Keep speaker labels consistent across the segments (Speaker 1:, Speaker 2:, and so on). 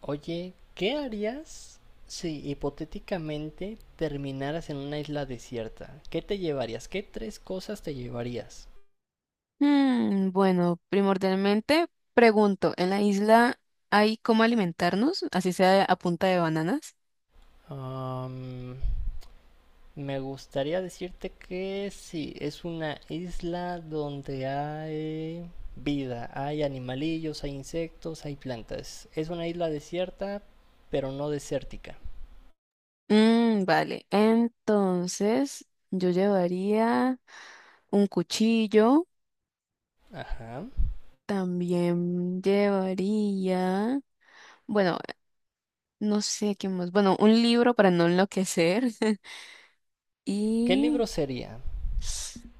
Speaker 1: Oye, ¿qué harías si hipotéticamente terminaras en una isla desierta? ¿Qué te llevarías? ¿Qué tres cosas te llevarías?
Speaker 2: Bueno, primordialmente pregunto, ¿en la isla hay cómo alimentarnos, así sea a punta de bananas?
Speaker 1: Am, Me gustaría decirte que sí, es una isla donde hay vida, hay animalillos, hay insectos, hay plantas. Es una isla desierta, pero no desértica.
Speaker 2: Vale, entonces yo llevaría un cuchillo,
Speaker 1: Ajá.
Speaker 2: también llevaría, bueno, no sé qué más, bueno, un libro para no enloquecer
Speaker 1: ¿Qué libro
Speaker 2: y
Speaker 1: sería?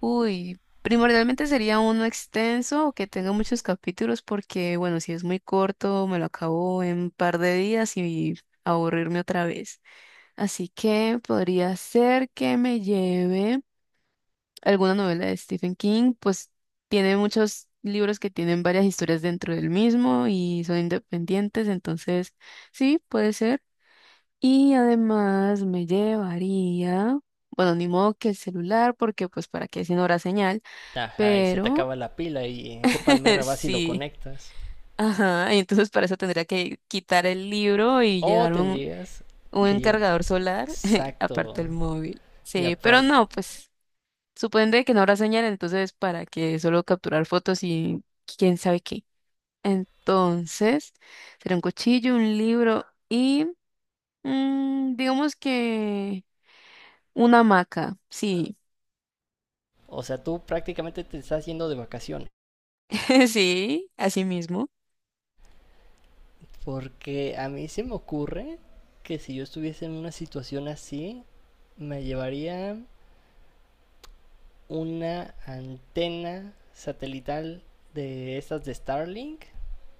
Speaker 2: uy, primordialmente sería uno extenso o que tenga muchos capítulos porque, bueno, si es muy corto, me lo acabo en un par de días y aburrirme otra vez. Así que podría ser que me lleve alguna novela de Stephen King, pues tiene muchos libros que tienen varias historias dentro del mismo y son independientes, entonces sí, puede ser. Y además me llevaría, bueno, ni modo que el celular porque pues para qué si no habrá señal.
Speaker 1: Ajá, y se te
Speaker 2: Pero
Speaker 1: acaba la pila y en qué palmera vas y lo
Speaker 2: sí,
Speaker 1: conectas.
Speaker 2: ajá, y entonces para eso tendría que quitar el libro y
Speaker 1: O
Speaker 2: llevar
Speaker 1: tendrías que
Speaker 2: un
Speaker 1: llevar.
Speaker 2: cargador solar,
Speaker 1: Exacto.
Speaker 2: aparte el móvil.
Speaker 1: Y
Speaker 2: Sí, pero
Speaker 1: aparte,
Speaker 2: no, pues supone que no habrá señal, entonces para que solo capturar fotos y quién sabe qué. Entonces, será un cuchillo, un libro y digamos que una hamaca, sí,
Speaker 1: o sea, tú prácticamente te estás yendo de vacaciones.
Speaker 2: sí, así mismo,
Speaker 1: Porque a mí se me ocurre que si yo estuviese en una situación así, me llevaría una antena satelital de estas de Starlink,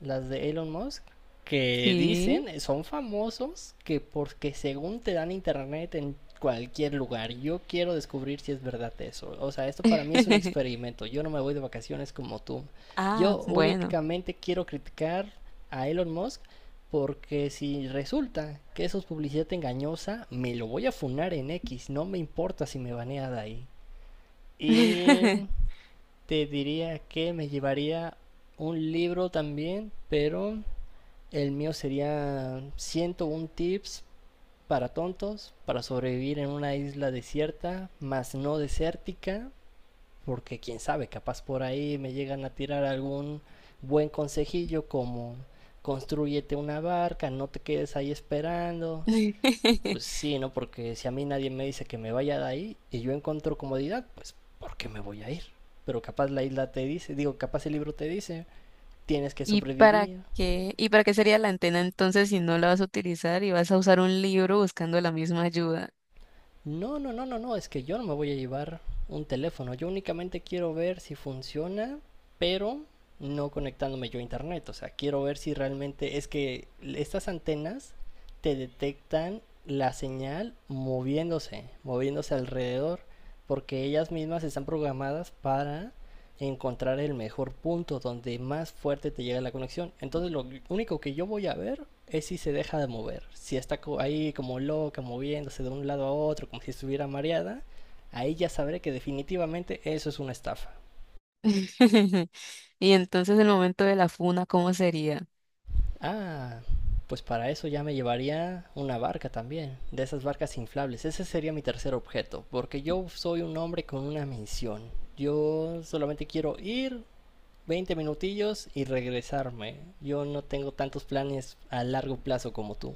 Speaker 1: las de Elon Musk, que
Speaker 2: sí.
Speaker 1: dicen, son famosos, que porque según te dan internet en cualquier lugar. Yo quiero descubrir si es verdad eso. O sea, esto para mí es un experimento. Yo no me voy de vacaciones como tú.
Speaker 2: Ah,
Speaker 1: Yo
Speaker 2: bueno.
Speaker 1: únicamente quiero criticar a Elon Musk porque si resulta que eso es publicidad engañosa, me lo voy a funar en X. No me importa si me banea de ahí. Y te diría que me llevaría un libro también, pero el mío sería 101 tips para tontos para sobrevivir en una isla desierta, más no desértica, porque quién sabe, capaz por ahí me llegan a tirar algún buen consejillo como constrúyete una barca, no te quedes ahí esperando, pues sí, ¿no? Porque si a mí nadie me dice que me vaya de ahí y yo encuentro comodidad, pues ¿por qué me voy a ir? Pero capaz la isla te dice, digo, capaz el libro te dice, tienes que
Speaker 2: ¿Y para
Speaker 1: sobrevivir.
Speaker 2: qué? ¿Y para qué sería la antena entonces si no la vas a utilizar y vas a usar un libro buscando la misma ayuda?
Speaker 1: No, no, no, no, no, es que yo no me voy a llevar un teléfono, yo únicamente quiero ver si funciona, pero no conectándome yo a internet, o sea, quiero ver si realmente es que estas antenas te detectan la señal moviéndose, moviéndose alrededor, porque ellas mismas están programadas para encontrar el mejor punto donde más fuerte te llega la conexión. Entonces lo único que yo voy a ver es si se deja de mover. Si está ahí como loca, moviéndose de un lado a otro, como si estuviera mareada, ahí ya sabré que definitivamente eso es una estafa.
Speaker 2: Y entonces el momento de la funa, ¿cómo sería?
Speaker 1: Ah, pues para eso ya me llevaría una barca también, de esas barcas inflables. Ese sería mi tercer objeto, porque yo soy un hombre con una misión. Yo solamente quiero ir, 20 minutillos y regresarme. Yo no tengo tantos planes a largo plazo como tú.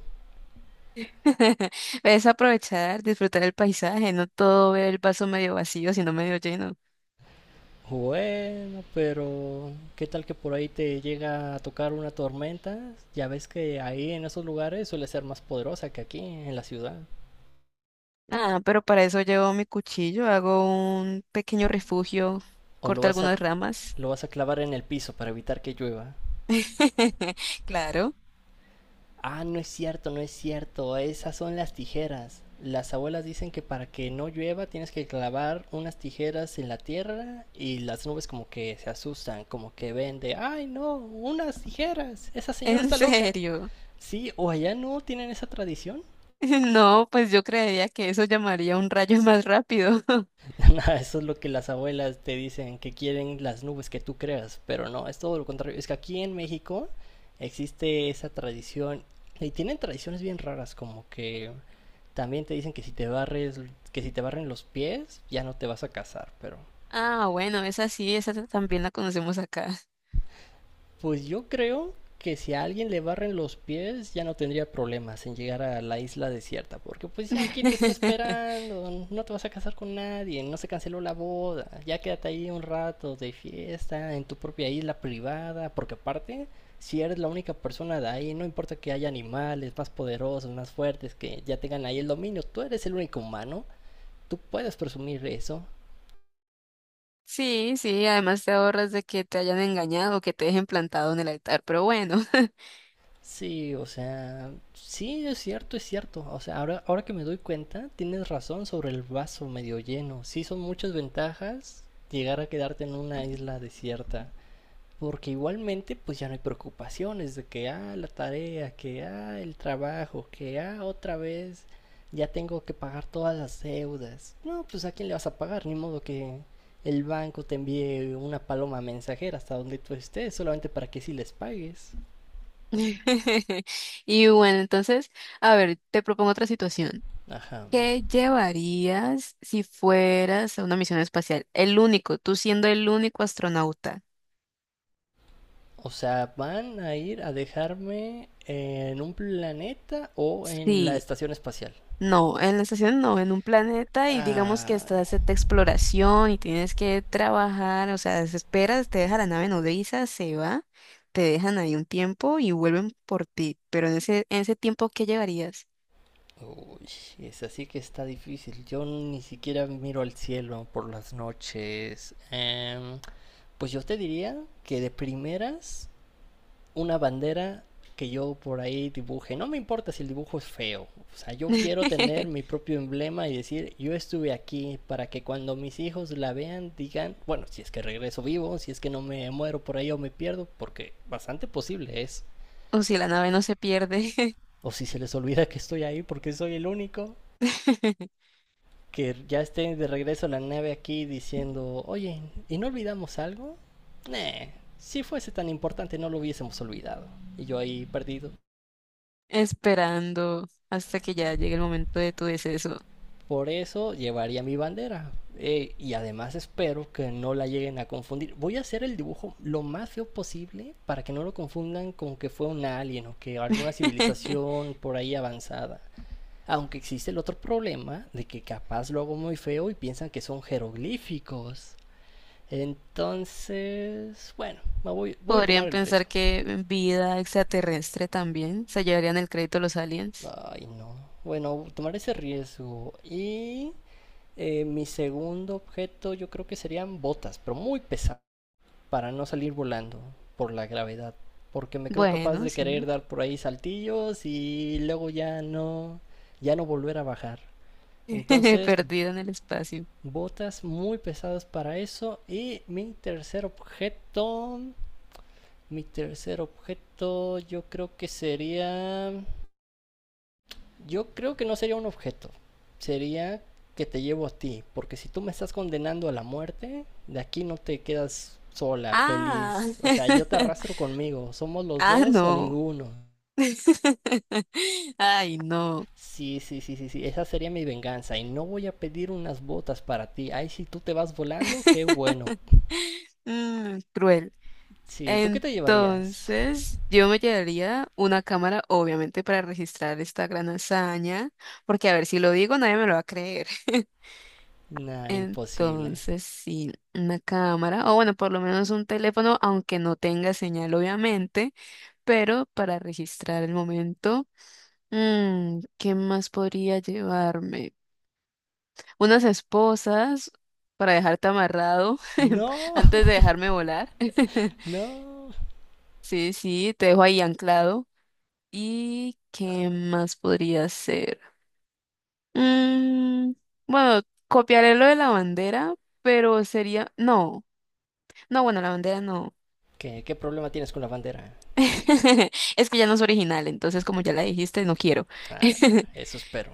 Speaker 2: Es aprovechar, disfrutar el paisaje, no todo ver el vaso medio vacío, sino medio lleno.
Speaker 1: Bueno, pero ¿qué tal que por ahí te llega a tocar una tormenta? Ya ves que ahí en esos lugares suele ser más poderosa que aquí en la ciudad.
Speaker 2: Ah, pero para eso llevo mi cuchillo, hago un pequeño refugio,
Speaker 1: O lo
Speaker 2: corto
Speaker 1: vas a
Speaker 2: algunas ramas.
Speaker 1: Lo vas a clavar en el piso para evitar que llueva.
Speaker 2: Claro,
Speaker 1: Ah, no es cierto, no es cierto. Esas son las tijeras. Las abuelas dicen que para que no llueva tienes que clavar unas tijeras en la tierra y las nubes como que se asustan, como que ven de, ay no, unas tijeras, esa señora
Speaker 2: en
Speaker 1: está loca.
Speaker 2: serio.
Speaker 1: Sí, o allá no tienen esa tradición.
Speaker 2: No, pues yo creería que eso llamaría un rayo más rápido.
Speaker 1: Eso es lo que las abuelas te dicen, que quieren las nubes que tú creas, pero no, es todo lo contrario. Es que aquí en México existe esa tradición y tienen tradiciones bien raras, como que también te dicen que si te barres, que si te barren los pies, ya no te vas a casar, pero
Speaker 2: Ah, bueno, esa sí, esa también la conocemos acá.
Speaker 1: pues yo creo que si a alguien le barren los pies, ya no tendría problemas en llegar a la isla desierta, porque pues ya quién te está esperando, no te vas a casar con nadie, no se canceló la boda, ya quédate ahí un rato de fiesta en tu propia isla privada, porque aparte si eres la única persona de ahí, no importa que haya animales más poderosos, más fuertes, que ya tengan ahí el dominio, tú eres el único humano, tú puedes presumir eso.
Speaker 2: Sí, sí, además te ahorras de que te hayan engañado, o que te dejen plantado en el altar, pero bueno.
Speaker 1: Sí, o sea, sí, es cierto, es cierto. O sea, ahora que me doy cuenta, tienes razón sobre el vaso medio lleno. Sí, son muchas ventajas llegar a quedarte en una isla desierta. Porque igualmente, pues ya no hay preocupaciones de que, ah, la tarea, que, ah, el trabajo, que, ah, otra vez ya tengo que pagar todas las deudas. No, pues a quién le vas a pagar, ni modo que el banco te envíe una paloma mensajera hasta donde tú estés, solamente para que sí les pagues.
Speaker 2: Y bueno, entonces, a ver, te propongo otra situación.
Speaker 1: Ajá.
Speaker 2: ¿Qué llevarías si fueras a una misión espacial? El único, tú siendo el único astronauta.
Speaker 1: O sea, ¿van a ir a dejarme en un planeta o en la
Speaker 2: Sí.
Speaker 1: estación espacial?
Speaker 2: No, en la estación no, en un planeta y digamos que
Speaker 1: Ay,
Speaker 2: estás de exploración y tienes que trabajar, o sea, desesperas, te deja la nave nodriza, se va, te dejan ahí un tiempo y vuelven por ti, pero en ese tiempo, ¿qué llevarías?
Speaker 1: uy, es así que está difícil. Yo ni siquiera miro al cielo por las noches. Pues yo te diría que de primeras una bandera que yo por ahí dibuje. No me importa si el dibujo es feo. O sea, yo quiero tener mi propio emblema y decir, yo estuve aquí para que cuando mis hijos la vean digan, bueno, si es que regreso vivo, si es que no me muero por ahí o me pierdo, porque bastante posible es.
Speaker 2: O si la nave no se pierde,
Speaker 1: O si se les olvida que estoy ahí porque soy el único que ya esté de regreso a la nave aquí diciendo, oye, ¿y no olvidamos algo? Nah, si fuese tan importante no lo hubiésemos olvidado. Y yo ahí perdido.
Speaker 2: esperando hasta que ya llegue el momento de tu deceso.
Speaker 1: Por eso llevaría mi bandera. Y además espero que no la lleguen a confundir. Voy a hacer el dibujo lo más feo posible para que no lo confundan con que fue un alien o que alguna civilización por ahí avanzada. Aunque existe el otro problema de que capaz lo hago muy feo y piensan que son jeroglíficos. Entonces, bueno, voy a
Speaker 2: Podrían
Speaker 1: tomar el
Speaker 2: pensar
Speaker 1: riesgo.
Speaker 2: que vida extraterrestre también, se llevarían el crédito los aliens.
Speaker 1: Ay, no. Bueno, tomar ese riesgo. Y mi segundo objeto yo creo que serían botas, pero muy pesadas para no salir volando por la gravedad. Porque me creo capaz
Speaker 2: Bueno,
Speaker 1: de querer
Speaker 2: sí.
Speaker 1: dar por ahí saltillos y luego ya no, ya no volver a bajar. Entonces,
Speaker 2: Perdido en el espacio.
Speaker 1: botas muy pesadas para eso. Y mi tercer objeto yo creo que sería. Yo creo que no sería un objeto. Sería que te llevo a ti. Porque si tú me estás condenando a la muerte, de aquí no te quedas sola,
Speaker 2: Ah,
Speaker 1: feliz. O sea, yo te arrastro conmigo. Somos los
Speaker 2: ah,
Speaker 1: dos o
Speaker 2: no.
Speaker 1: ninguno.
Speaker 2: Ay, no.
Speaker 1: Sí, sí, sí, sí, sí. Esa sería mi venganza. Y no voy a pedir unas botas para ti. Ay, si tú te vas volando, qué bueno.
Speaker 2: Cruel.
Speaker 1: Sí, ¿tú qué te llevarías?
Speaker 2: Entonces, yo me llevaría una cámara, obviamente, para registrar esta gran hazaña, porque a ver, si lo digo, nadie me lo va a creer.
Speaker 1: Nah, imposible.
Speaker 2: Entonces, sí, una cámara, o bueno, por lo menos un teléfono, aunque no tenga señal, obviamente, pero para registrar el momento. Mm, ¿qué más podría llevarme? Unas esposas para dejarte amarrado
Speaker 1: No,
Speaker 2: antes de dejarme volar.
Speaker 1: no.
Speaker 2: Sí, sí, te dejo ahí anclado. ¿Y qué más podría ser? Mm, bueno, copiaré lo de la bandera, pero sería... No, no, bueno, la bandera no.
Speaker 1: ¿Qué problema tienes con la bandera?
Speaker 2: Es que ya no es original, entonces como ya la dijiste, no quiero.
Speaker 1: Ah, eso espero.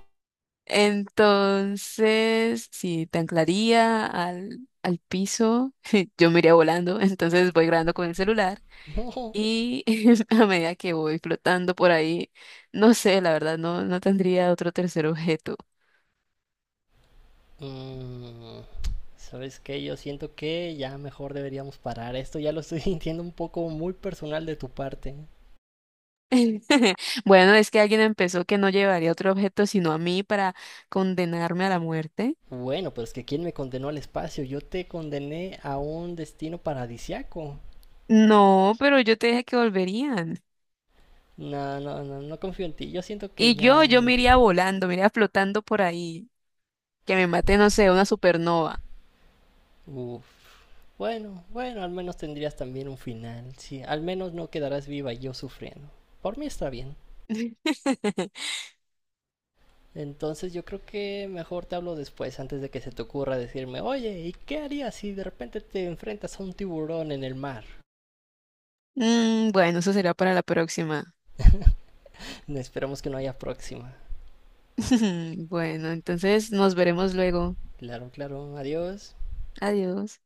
Speaker 2: Entonces, si te anclaría al piso, yo me iría volando, entonces voy grabando con el celular
Speaker 1: No.
Speaker 2: y a medida que voy flotando por ahí, no sé, la verdad, no, no tendría otro tercer objeto.
Speaker 1: Mm, ¿sabes qué? Yo siento que ya mejor deberíamos parar. Esto ya lo estoy sintiendo un poco muy personal de tu parte.
Speaker 2: Bueno, es que alguien empezó que no llevaría otro objeto sino a mí para condenarme a la muerte.
Speaker 1: Bueno, pero es que ¿quién me condenó al espacio? Yo te condené a un destino paradisiaco.
Speaker 2: No, pero yo te dije que volverían.
Speaker 1: No, no, no, no confío en ti. Yo siento que
Speaker 2: Y yo,
Speaker 1: ya...
Speaker 2: yo me iría volando, me iría flotando por ahí, que me mate, no sé, una supernova.
Speaker 1: Uf. Bueno, bueno, al menos tendrías también un final. Sí, al menos no quedarás viva y yo sufriendo. Por mí está bien. Entonces yo creo que mejor te hablo después, antes de que se te ocurra decirme, oye, ¿y qué harías si de repente te enfrentas a un tiburón en el mar?
Speaker 2: Mm, bueno, eso será para la próxima.
Speaker 1: Esperamos que no haya próxima.
Speaker 2: Bueno, entonces nos veremos luego.
Speaker 1: Claro, claro, adiós.
Speaker 2: Adiós.